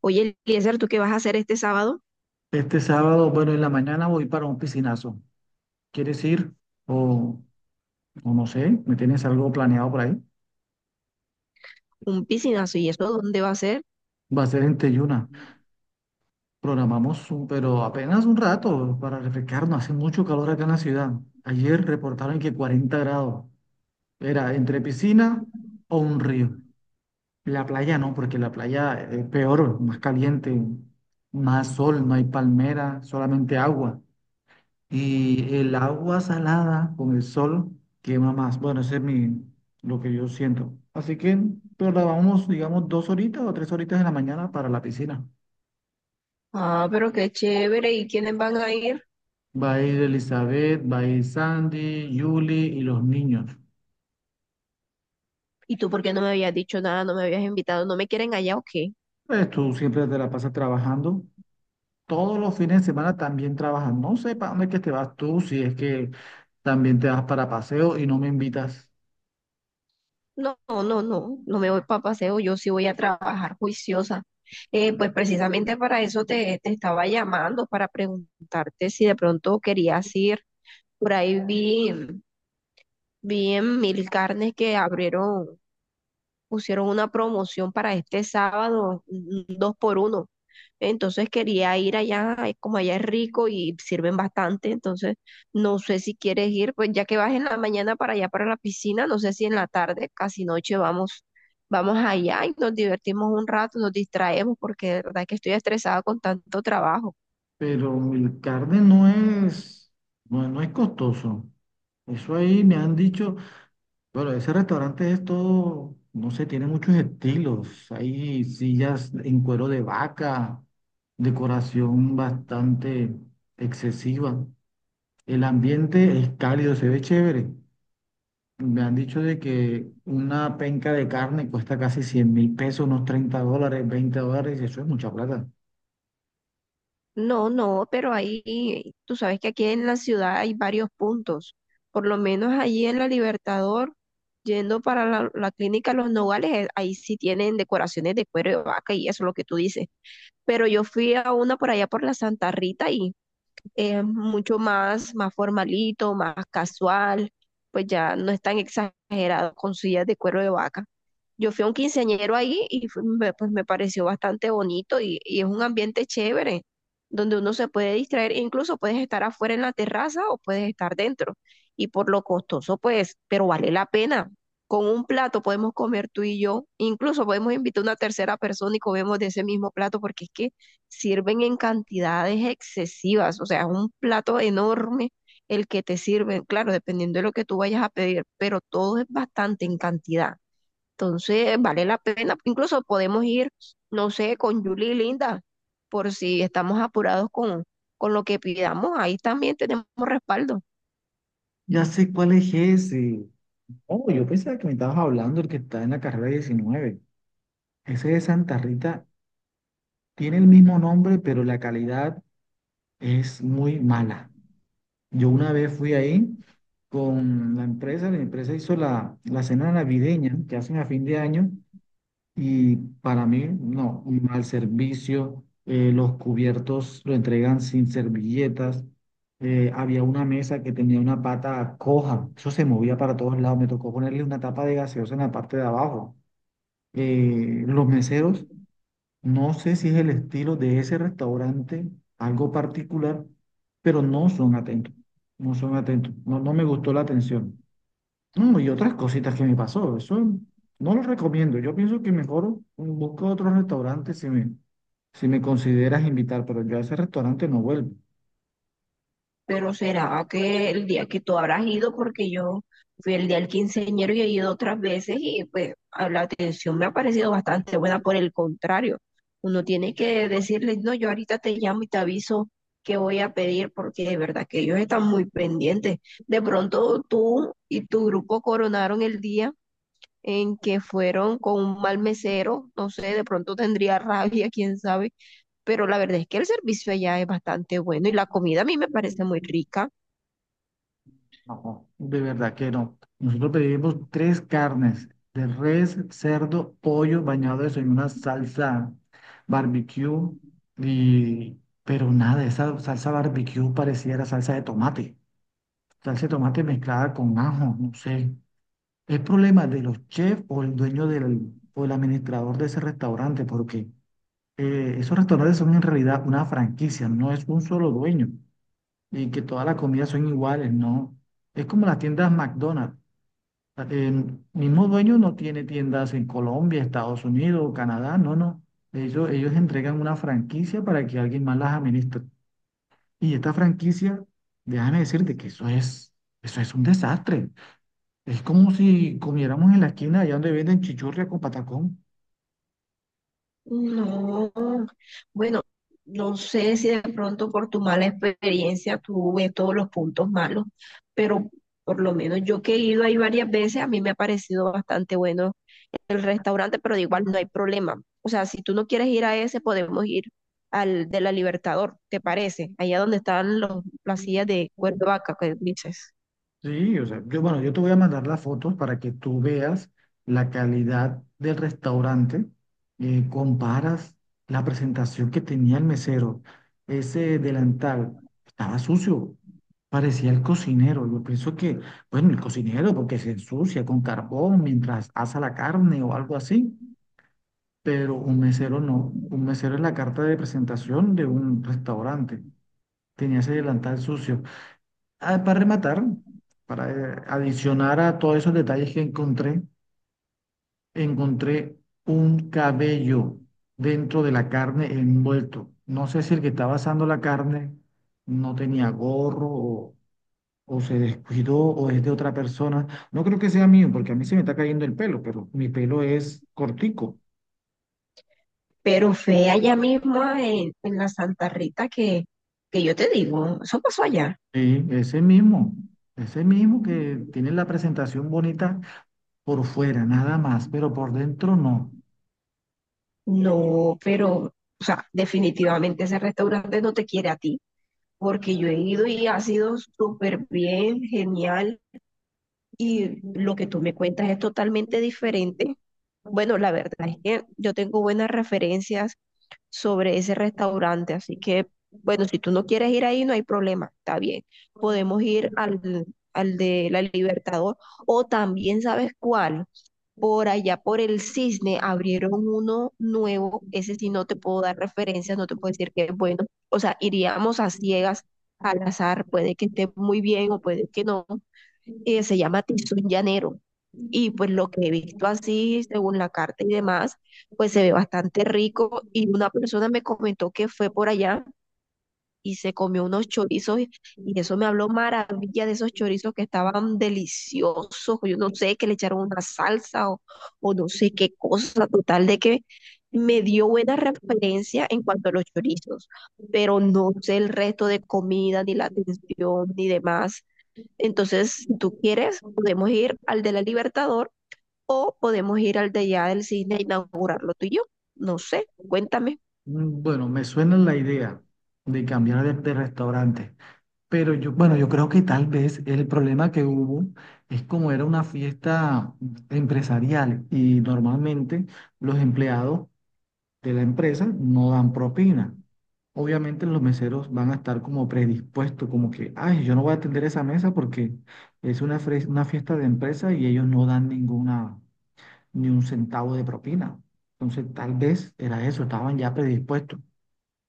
Oye, Eliezer, ¿tú qué vas a hacer este sábado? Este sábado, bueno, en la mañana voy para un piscinazo. ¿Quieres ir? O, o no sé, ¿me tienes algo planeado por ahí? Un piscinazo, ¿y eso dónde va a ser? Va a ser en Teyuna. Programamos, pero apenas un rato para refrescarnos. Hace mucho calor acá en la ciudad. Ayer reportaron que 40 grados. Era entre piscina o un río. La playa no, porque la playa es peor, más caliente, más sol, no hay palmera, solamente agua. Y el agua salada con el sol quema más. Bueno, lo que yo siento. Así que, pero la vamos, digamos, 2 horitas o 3 horitas en la mañana para la piscina. Ah, pero qué chévere. ¿Y quiénes van a ir? Va a ir Elizabeth, va a ir Sandy, Julie y los niños. ¿Y tú por qué no me habías dicho nada, no me habías invitado? ¿No me quieren allá o qué? Pues tú siempre te la pasas trabajando. Todos los fines de semana también trabajas. No sé para dónde es que te vas tú, si es que también te vas para paseo y no me invitas. No, no, no, no me voy para paseo, yo sí voy a trabajar juiciosa. Pues precisamente para eso te estaba llamando, para preguntarte si de pronto querías ir. Por ahí vi, vi en Mil Carnes que abrieron, pusieron una promoción para este sábado, un dos por uno. Entonces quería ir allá, como allá es rico y sirven bastante, entonces no sé si quieres ir, pues ya que vas en la mañana para allá para la piscina, no sé si en la tarde, casi noche vamos allá y nos divertimos un rato, nos distraemos porque de verdad que estoy estresada con tanto trabajo. Pero el carne no es, no, no es costoso. Eso ahí me han dicho, bueno, ese restaurante es todo, no sé, tiene muchos estilos. Hay sillas en cuero de vaca, decoración bastante excesiva. El ambiente es cálido, se ve chévere. Me han dicho de que una penca de carne cuesta casi 100.000 pesos, unos 30 dólares, 20 dólares, y eso es mucha plata. No, no, pero ahí tú sabes que aquí en la ciudad hay varios puntos, por lo menos allí en la Libertador. Yendo para la clínica Los Nogales, ahí sí tienen decoraciones de cuero de vaca y eso es lo que tú dices. Pero yo fui a una por allá por la Santa Rita y es mucho más, más formalito, más casual, pues ya no es tan exagerado con sillas de cuero de vaca. Yo fui a un quinceañero ahí y pues me pareció bastante bonito y es un ambiente chévere, donde uno se puede distraer, e incluso puedes estar afuera en la terraza o puedes estar dentro. Y por lo costoso, pues, pero vale la pena. Con un plato podemos comer tú y yo, incluso podemos invitar a una tercera persona y comemos de ese mismo plato porque es que sirven en cantidades excesivas, o sea, es un plato enorme el que te sirven, claro, dependiendo de lo que tú vayas a pedir, pero todo es bastante en cantidad. Entonces, vale la pena, incluso podemos ir, no sé, con Julie y Linda, por si estamos apurados con lo que pidamos, ahí también tenemos respaldo. Ya sé cuál es ese. Oh, yo pensaba que me estabas hablando el que está en la carrera 19. Ese de Santa Rita tiene el mismo nombre, pero la calidad es muy mala. Yo una vez fui ahí con la empresa hizo la cena navideña que hacen a fin de año. Y para mí, no, un mal servicio. Los cubiertos lo entregan sin servilletas. Había una mesa que tenía una pata coja, eso se movía para todos lados, me tocó ponerle una tapa de gaseosa en la parte de abajo. Los meseros, no sé si es el estilo de ese restaurante, algo particular, pero no son atentos, no son atentos, no, no me gustó la atención. No, y otras cositas que me pasó, eso no lo recomiendo. Yo pienso que mejor busco otro restaurante si me consideras invitar, pero yo a ese restaurante no vuelvo. Pero será que el día que tú habrás ido, porque yo fui el día del quinceañero y he ido otras veces y pues a la atención me ha parecido bastante buena. Por el contrario, uno tiene que decirles, no, yo ahorita te llamo y te aviso que voy a pedir porque de verdad que ellos están muy pendientes. De pronto tú y tu grupo coronaron el día en que fueron con un mal mesero, no sé, de pronto tendría rabia, quién sabe, pero la verdad es que el servicio allá es bastante bueno y la comida a mí me parece muy rica. No, de verdad que no. Nosotros pedimos tres carnes de res, cerdo, pollo bañados en una salsa barbecue y pero nada, esa salsa barbecue pareciera salsa de tomate mezclada con ajo, no sé. Es problema de los chefs o el administrador de ese restaurante porque esos restaurantes son en realidad una franquicia, no es un solo dueño y que todas las comidas son iguales, no. Es como las tiendas McDonald's. El mismo dueño no tiene tiendas en Colombia, Estados Unidos, Canadá, no, no. Ellos entregan una franquicia para que alguien más las administre. Y esta franquicia, déjame decirte eso es un desastre. Es como si comiéramos en la esquina allá donde venden chichurria con patacón. No, bueno, no sé si de pronto por tu mala experiencia tú ves todos los puntos malos, pero por lo menos yo que he ido ahí varias veces, a mí me ha parecido bastante bueno el restaurante, pero de igual no hay problema. O sea, si tú no quieres ir a ese, podemos ir al de la Libertador, ¿te parece? Allá donde están las sillas de cuero de vaca, que dices. Sí, o sea, yo, bueno, yo te voy a mandar las fotos para que tú veas la calidad del restaurante, comparas la presentación que tenía el mesero, ese delantal, estaba sucio, parecía el cocinero, yo pienso que, bueno, el cocinero porque se ensucia con carbón mientras asa la carne o algo así, pero un mesero no, un mesero es la carta de presentación de un restaurante, tenía ese delantal sucio. Ah, para rematar, para adicionar a todos esos detalles que encontré, encontré un cabello dentro de la carne envuelto. No sé si el que estaba asando la carne no tenía gorro o se descuidó o es de otra persona. No creo que sea mío porque a mí se me está cayendo el pelo, pero mi pelo es cortico. Pero fue allá mismo en la Santa Rita que yo te digo, eso pasó allá. Sí, ese mismo que tiene la presentación bonita por fuera, nada más, pero por dentro no. No, pero, o sea, definitivamente ese restaurante no te quiere a ti, porque yo he ido y ha sido súper bien, genial, y lo que tú me cuentas es totalmente diferente. Bueno, la verdad es que yo tengo buenas referencias sobre ese restaurante, así que, bueno, si tú no quieres ir ahí, no hay problema, está bien. Podemos ir al de la Libertador, o también, ¿sabes cuál? Por allá, por el Cisne, abrieron uno nuevo. Ese sí no te puedo dar referencias, no te puedo decir que es bueno. O sea, iríamos a ciegas, al azar. Puede que esté muy bien o puede que no. Se llama Tizón Llanero. Y pues lo que he visto así, según la carta y demás, pues se ve bastante rico. Y una persona me comentó que fue por allá y se comió unos chorizos y eso me habló maravilla de esos chorizos que estaban deliciosos, yo no sé, que le echaron una salsa o no sé qué cosa, total de que me dio buena referencia en cuanto a los chorizos, pero no sé el resto de comida, ni la atención, ni demás. Entonces, si tú quieres, podemos ir al de la Libertador o podemos ir al de allá del cine a inaugurarlo tú y yo. No sé, cuéntame. Bueno, me suena la idea de cambiar de restaurante, pero yo, bueno, yo creo que tal vez el problema que hubo es como era una fiesta empresarial y normalmente los empleados de la empresa no dan propina. Obviamente los meseros van a estar como predispuestos, como que, ay, yo no voy a atender esa mesa porque es una, una fiesta de empresa y ellos no dan ninguna, ni un centavo de propina. Entonces, tal vez era eso, estaban ya predispuestos.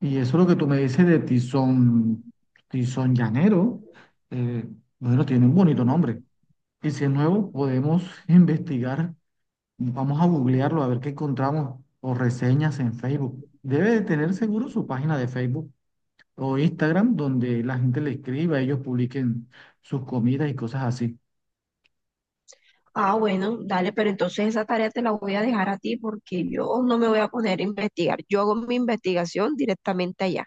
Y eso es lo que tú me dices de Tizón Llanero. eh, bueno, tiene un bonito nombre. Y si es nuevo, podemos investigar. Vamos a googlearlo a ver qué encontramos o reseñas en Facebook. Debe de tener seguro su página de Facebook o Instagram donde la gente le escriba, ellos publiquen sus comidas y cosas así. Ah, bueno, dale, pero entonces esa tarea te la voy a dejar a ti porque yo no me voy a poner a investigar. Yo hago mi investigación directamente allá.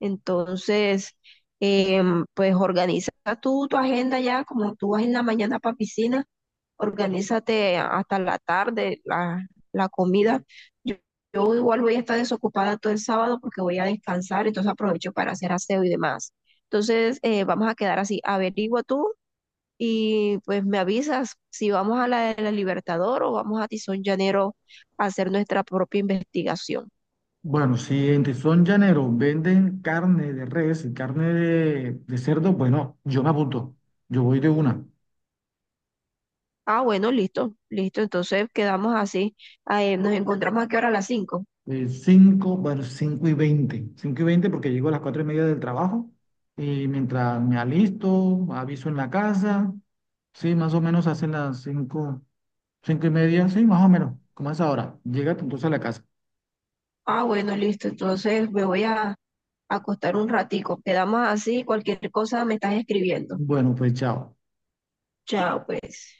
Entonces, pues organiza tú tu agenda ya, como tú vas en la mañana para piscina, organízate hasta la tarde la comida. Yo, yo igual voy a estar desocupada todo el sábado porque voy a descansar, entonces aprovecho para hacer aseo y demás. Entonces, vamos a quedar así. Averigua tú y pues me avisas si vamos a la de la Libertador o vamos a Tizón Llanero a hacer nuestra propia investigación. Bueno, si en Tizón Llanero venden carne de res y carne de cerdo, bueno, yo me apunto. Yo voy de una. Ah, bueno, listo, listo. Entonces quedamos así. Ah, nos encontramos aquí ahora a las 5. 5, bueno, 5:20 5:20 porque llego a las 4:30 del trabajo y mientras me alisto, aviso en la casa. Sí, más o menos hacen las 5 5:30, sí, más o menos, como es ahora. Llega entonces a la casa. Ah, bueno, listo. Entonces me voy a acostar un ratico. Quedamos así. Cualquier cosa me estás escribiendo. Bueno, pues chao. Chao, pues.